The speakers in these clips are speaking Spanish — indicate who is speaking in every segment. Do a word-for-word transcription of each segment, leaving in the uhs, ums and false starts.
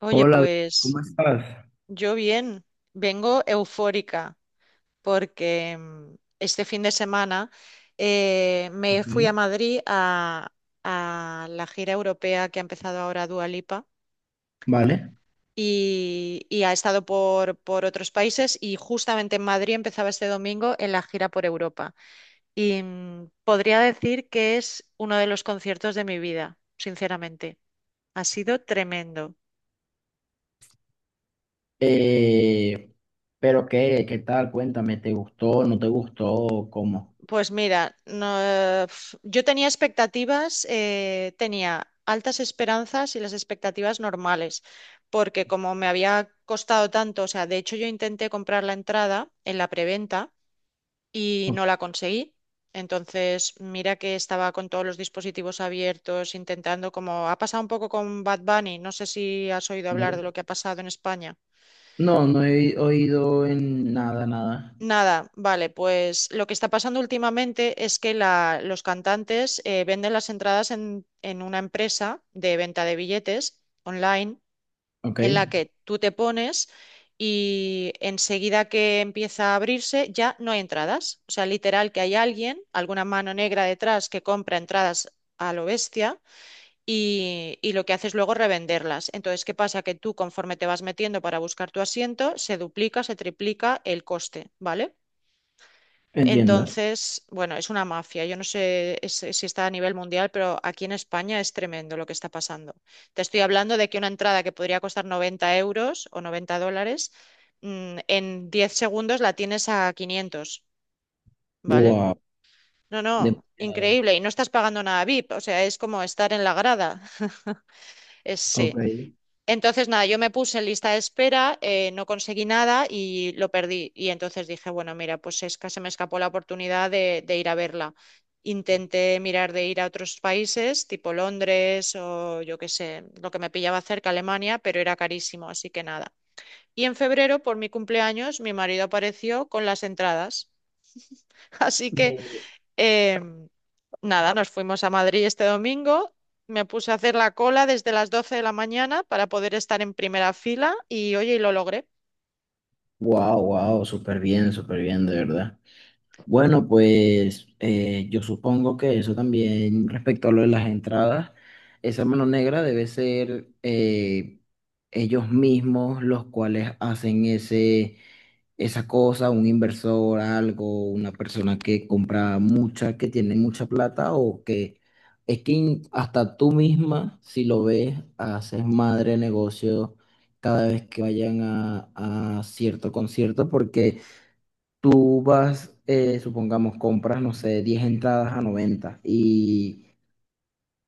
Speaker 1: Oye,
Speaker 2: Hola, ¿cómo
Speaker 1: pues
Speaker 2: estás?
Speaker 1: yo bien, vengo eufórica porque mm, este fin de semana eh, me
Speaker 2: Ok,
Speaker 1: fui a Madrid a, a la gira europea que ha empezado ahora Dua Lipa
Speaker 2: vale.
Speaker 1: y, y ha estado por, por otros países y justamente en Madrid empezaba este domingo en la gira por Europa. Y mm, podría decir que es uno de los conciertos de mi vida, sinceramente. Ha sido tremendo.
Speaker 2: Eh, pero qué, ¿qué tal? Cuéntame, ¿te gustó? ¿No te gustó? ¿Cómo?
Speaker 1: Pues mira, no, eh, pf, yo tenía expectativas, eh, tenía altas esperanzas y las expectativas normales, porque como me había costado tanto, o sea, de hecho yo intenté comprar la entrada en la preventa y no
Speaker 2: Ok,
Speaker 1: la conseguí. Entonces, mira que estaba con todos los dispositivos abiertos, intentando, como ha pasado un poco con Bad Bunny, no sé si has oído hablar
Speaker 2: vale.
Speaker 1: de lo que ha pasado en España.
Speaker 2: No, no he oído en nada, nada.
Speaker 1: Nada, vale, pues lo que está pasando últimamente es que la- los cantantes eh, venden las entradas en, en una empresa de venta de billetes online
Speaker 2: Ok,
Speaker 1: en la que tú te pones y enseguida que empieza a abrirse ya no hay entradas. O sea, literal que hay alguien, alguna mano negra detrás que compra entradas a lo bestia y, y lo que hace es luego revenderlas. Entonces, ¿qué pasa? Que tú conforme te vas metiendo para buscar tu asiento, se duplica, se triplica el coste, ¿vale?
Speaker 2: entiendo.
Speaker 1: Entonces, bueno, es una mafia. Yo no sé es- si está a nivel mundial, pero aquí en España es tremendo lo que está pasando. Te estoy hablando de que una entrada que podría costar noventa euros o noventa dólares, mm, en diez segundos la tienes a quinientos, ¿vale?
Speaker 2: Wow,
Speaker 1: No, no,
Speaker 2: demasiado.
Speaker 1: increíble. Y no estás pagando nada VIP, o sea, es como estar en la grada. Es,
Speaker 2: Ok.
Speaker 1: sí. Entonces, nada, yo me puse en lista de espera, eh, no conseguí nada y lo perdí. Y entonces dije, bueno, mira, pues es que se me escapó la oportunidad de, de ir a verla. Intenté mirar de ir a otros países, tipo Londres o yo qué sé, lo que me pillaba cerca, Alemania, pero era carísimo, así que nada. Y en febrero, por mi cumpleaños, mi marido apareció con las entradas. Así que Em, nada, nos fuimos a Madrid este domingo. Me puse a hacer la cola desde las doce de la mañana para poder estar en primera fila y oye, y lo logré.
Speaker 2: Wow, wow, súper bien, súper bien, de verdad. Bueno, pues eh, yo supongo que eso también respecto a lo de las entradas, esa mano negra debe ser eh, ellos mismos los cuales hacen ese, esa cosa, un inversor, algo, una persona que compra mucha, que tiene mucha plata o que es que in- hasta tú misma, si lo ves, haces madre negocio cada vez que vayan a, a cierto concierto porque. Tú vas, eh, supongamos, compras, no sé, diez entradas a noventa y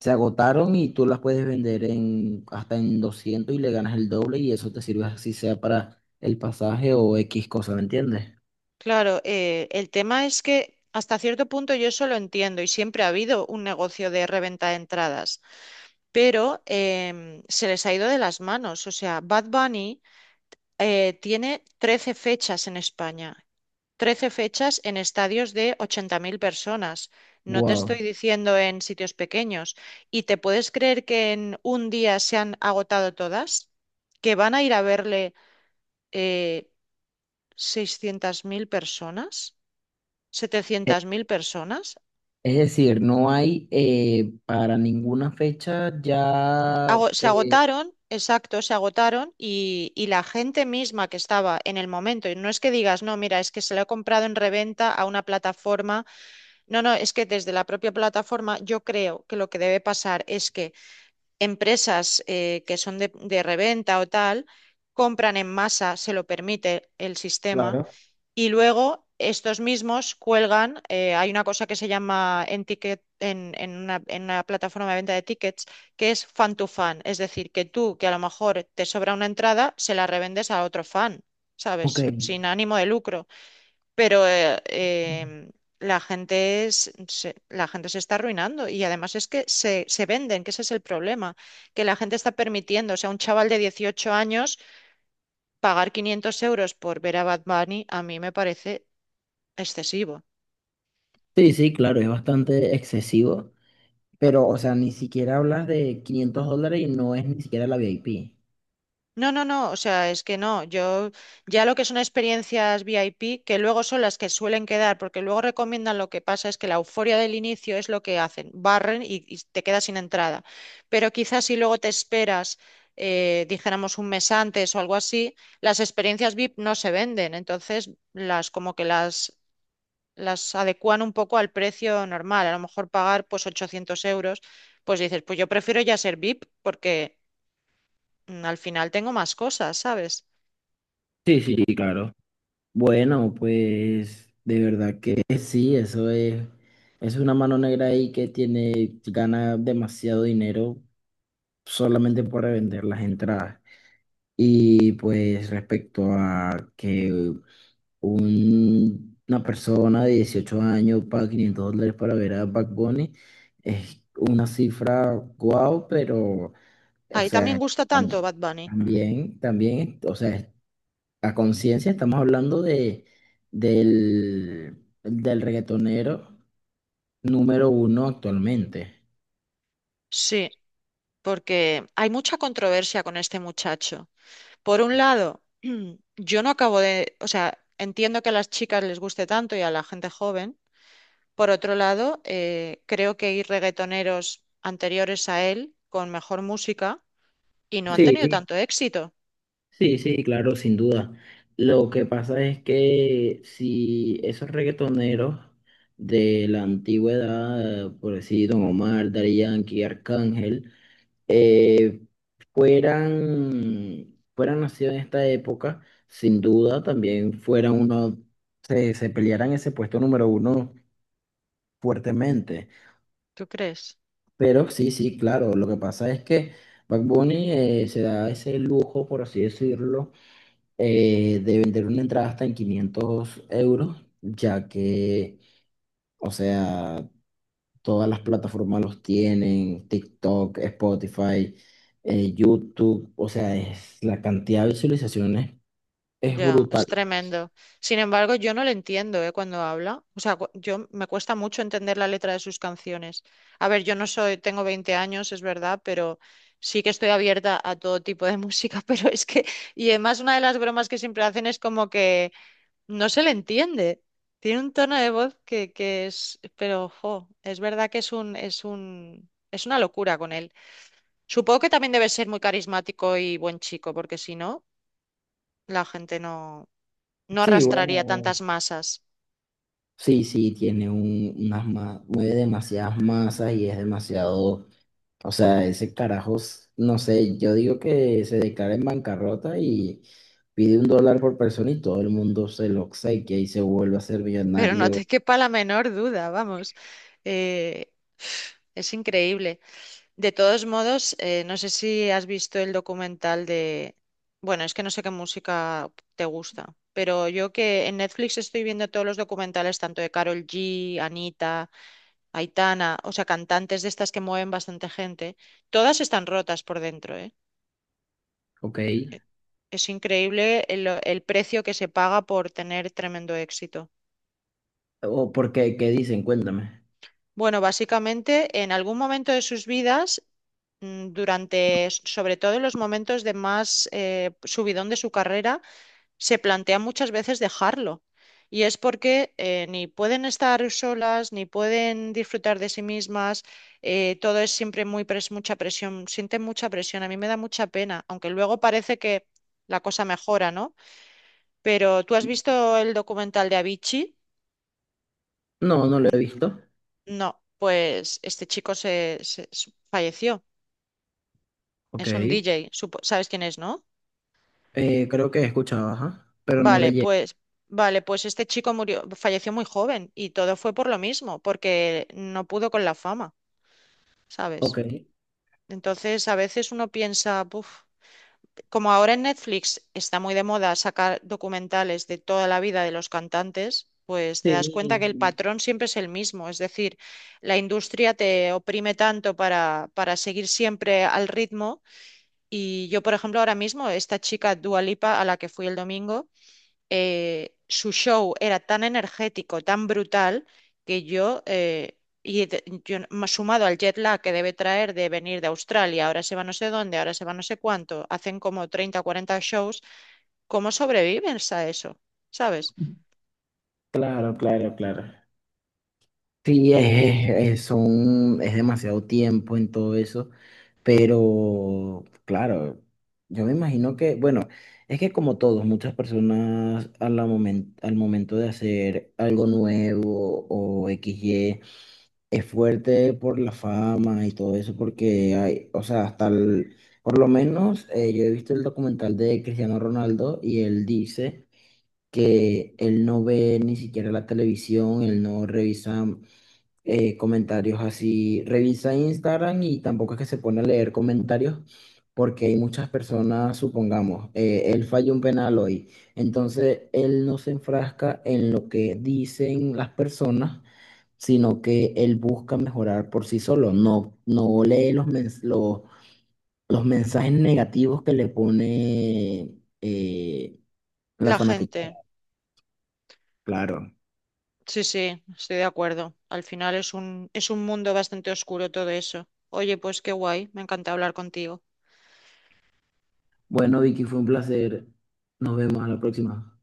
Speaker 2: se agotaron y tú las puedes vender en, hasta en doscientos y le ganas el doble y eso te sirve así sea para el pasaje o X cosa, ¿me entiendes?
Speaker 1: Claro, eh, el tema es que hasta cierto punto yo eso lo entiendo y siempre ha habido un negocio de reventa de entradas, pero em, se les ha ido de las manos. O sea, Bad Bunny eh, tiene trece fechas en España. Trece fechas en estadios de ochenta mil personas. No te
Speaker 2: Wow.
Speaker 1: estoy diciendo en sitios pequeños. ¿Y te puedes creer que en un día se han agotado todas? ¿Que van a ir a verle eh, seiscientas mil personas?
Speaker 2: E-
Speaker 1: ¿Setecientas mil personas?
Speaker 2: Es decir, no hay eh, para ninguna fecha ya.
Speaker 1: Ago- se
Speaker 2: Eh,
Speaker 1: agotaron, exacto, se agotaron y, y la gente misma que estaba en el momento, y no es que digas, no, mira, es que se lo he comprado en reventa a una plataforma. No, no, es que desde la propia plataforma yo creo que lo que debe pasar es que empresas eh, que son de, de reventa o tal, compran en masa, se lo permite el sistema,
Speaker 2: claro.
Speaker 1: y luego estos mismos cuelgan, eh, hay una cosa que se llama en ticket, en, en una, en una plataforma de venta de tickets, que es fan to fan, es decir, que tú, que a lo mejor te sobra una entrada, se la revendes a otro fan,
Speaker 2: Ok.
Speaker 1: ¿sabes? Sin ánimo de lucro, pero eh, em, la gente es- se, la gente se está arruinando y además es que se, se venden, que ese es el problema, que la gente está permitiendo, o sea, un chaval de dieciocho años pagar quinientos euros por ver a Bad Bunny a mí me parece excesivo.
Speaker 2: Sí, sí, claro, es bastante excesivo, pero, o sea, ni siquiera hablas de quinientos dólares y no es ni siquiera la VIP.
Speaker 1: No, no, no, o sea, es que no, yo ya lo que son experiencias VIP, que luego son las que suelen quedar, porque luego recomiendan lo que pasa es que la euforia del inicio es lo que hacen, barren y, y te quedas sin entrada. Pero quizás si luego te esperas, eh, dijéramos un mes antes o algo así, las experiencias VIP no se venden, entonces las como que las, las adecúan un poco al precio normal, a lo mejor pagar pues ochocientos euros, pues dices, pues yo prefiero ya ser VIP porque mm, al final tengo más cosas, ¿sabes?
Speaker 2: Sí, sí, sí, claro. Bueno, pues de verdad que sí, eso es, es una mano negra ahí que tiene, gana demasiado dinero solamente por revender las entradas. Y pues respecto a que un- una persona de dieciocho años paga quinientos dólares para ver a Bad Bunny, es una cifra guau, pero, o
Speaker 1: Ahí también
Speaker 2: sea,
Speaker 1: gusta tanto
Speaker 2: tam-
Speaker 1: Bad Bunny.
Speaker 2: también, también, o sea, a conciencia estamos hablando de, del, del reggaetonero número uno actualmente.
Speaker 1: Sí, porque hay mucha controversia con este muchacho. Por un lado, yo no acabo de, o sea, entiendo que a las chicas les guste tanto y a la gente joven. Por otro lado, eh, creo que hay reggaetoneros anteriores a él con mejor música y no han
Speaker 2: Sí,
Speaker 1: tenido
Speaker 2: sí,
Speaker 1: tanto éxito.
Speaker 2: sí, sí, claro, sin duda. Lo que pasa es que si esos reggaetoneros de la antigüedad, por decir Don Omar, Daddy Yankee, Arcángel, eh, fueran, fueran nacidos en esta época, sin duda también fueran uno, se, se pelearan ese puesto número uno fuertemente.
Speaker 1: ¿Tú crees?
Speaker 2: Pero sí, sí, claro, lo que pasa es que Bad Bunny eh, se da ese lujo, por así decirlo, eh, de vender una entrada hasta en quinientos euros, ya que, o sea, todas las plataformas los tienen, TikTok, Spotify, eh, YouTube, o sea, es, la cantidad de visualizaciones es
Speaker 1: Ya,
Speaker 2: brutal.
Speaker 1: es tremendo. Sin embargo, yo no le entiendo, ¿eh?, cuando habla. O sea, cu- yo me cuesta mucho entender la letra de sus canciones. A ver, yo no soy, tengo veinte años, es verdad, pero sí que estoy abierta a todo tipo de música, pero es que, y además una de las bromas que siempre hacen es como que no se le entiende. Tiene un tono de voz que, que es, pero ojo, es verdad que es un, es un, es una locura con él. Supongo que también debe ser muy carismático y buen chico, porque si no, la gente no no
Speaker 2: Sí,
Speaker 1: arrastraría
Speaker 2: bueno,
Speaker 1: tantas masas,
Speaker 2: sí, sí, tiene un, unas ma- mueve demasiadas masas y es demasiado. O sea, ese carajos, no sé, yo digo que se declara en bancarrota y pide un dólar por persona y todo el mundo se lo obsequia y se vuelve a ser
Speaker 1: pero no
Speaker 2: millonario.
Speaker 1: te quepa la menor duda, vamos. Eh, es increíble. De todos modos, eh, no sé si has visto el documental de... Bueno, es que no sé qué música te gusta, pero yo que en Netflix estoy viendo todos los documentales, tanto de Karol G, Anita, Aitana, o sea, cantantes de estas que mueven bastante gente, todas están rotas por dentro, ¿eh?
Speaker 2: Ok.
Speaker 1: Es increíble el el precio que se paga por tener tremendo éxito.
Speaker 2: ¿O por qué? ¿Qué dicen? Cuéntame.
Speaker 1: Bueno, básicamente en algún momento de sus vidas, mm, durante, s- sobre todo en los momentos de más eh, subidón de su carrera, se plantea muchas veces dejarlo. Y es porque eh, ni pueden estar solas, ni pueden disfrutar de sí mismas, eh, todo es siempre muy pres- mucha presión, sienten mucha presión, a mí me da mucha pena, aunque luego parece que la cosa mejora, ¿no? Pero ¿tú has visto el documental de Avicii?
Speaker 2: No, no lo he
Speaker 1: Mm,
Speaker 2: visto.
Speaker 1: no, pues este chico se se- se- falleció.
Speaker 2: Ok.
Speaker 1: Es un
Speaker 2: Eh,
Speaker 1: D J, supo- ¿sabes quién es, no?
Speaker 2: creo que he escuchado, ajá, pero no le
Speaker 1: Vale,
Speaker 2: llegué.
Speaker 1: pues, vale, pues este chico murió, falleció muy joven y todo fue por lo mismo, porque no pudo con la fama,
Speaker 2: Ok.
Speaker 1: ¿sabes? Entonces, a veces uno piensa, "Buf", como ahora en Netflix está muy de moda sacar documentales de toda la vida de los cantantes, pues te das cuenta que el
Speaker 2: Sí,
Speaker 1: patrón siempre es el mismo, es decir, la industria te oprime tanto para, para seguir siempre al ritmo. Y yo, por ejemplo, ahora mismo, esta chica Dua Lipa, a la que fui el domingo, eh, su show era tan energético, tan brutal, que yo, eh, y de- yo n- más sumado al jet lag que debe traer de venir de Australia, ahora se va no sé dónde, ahora se va no sé cuánto, hacen como treinta o cuarenta shows, ¿cómo sobrevives a eso? ¿Sabes?
Speaker 2: claro, claro, claro. Sí, es, es- es- son, es demasiado tiempo en todo eso. Pero, claro, yo me imagino que, bueno, es que como todos, muchas personas a la momen- al momento de hacer algo nuevo o equis i griega, es fuerte por la fama y todo eso, porque hay, o sea, hasta el- por lo menos eh, yo he visto el documental de Cristiano Ronaldo y él dice que él no ve ni siquiera la televisión, él no revisa eh, comentarios así. Revisa Instagram y tampoco es que se pone a leer comentarios porque hay muchas personas, supongamos, eh, él falló un penal hoy. Entonces, él no se enfrasca en lo que dicen las personas, sino que él busca mejorar por sí solo. No, no lee los, mens- los, los mensajes negativos que le pone eh, la
Speaker 1: La
Speaker 2: fanática.
Speaker 1: gente.
Speaker 2: Claro.
Speaker 1: Sí, sí, estoy de acuerdo. Al final es un, es un mundo bastante oscuro todo eso. Oye, pues qué guay, me encanta hablar contigo.
Speaker 2: Bueno, Vicky, fue un placer. Nos vemos a la próxima.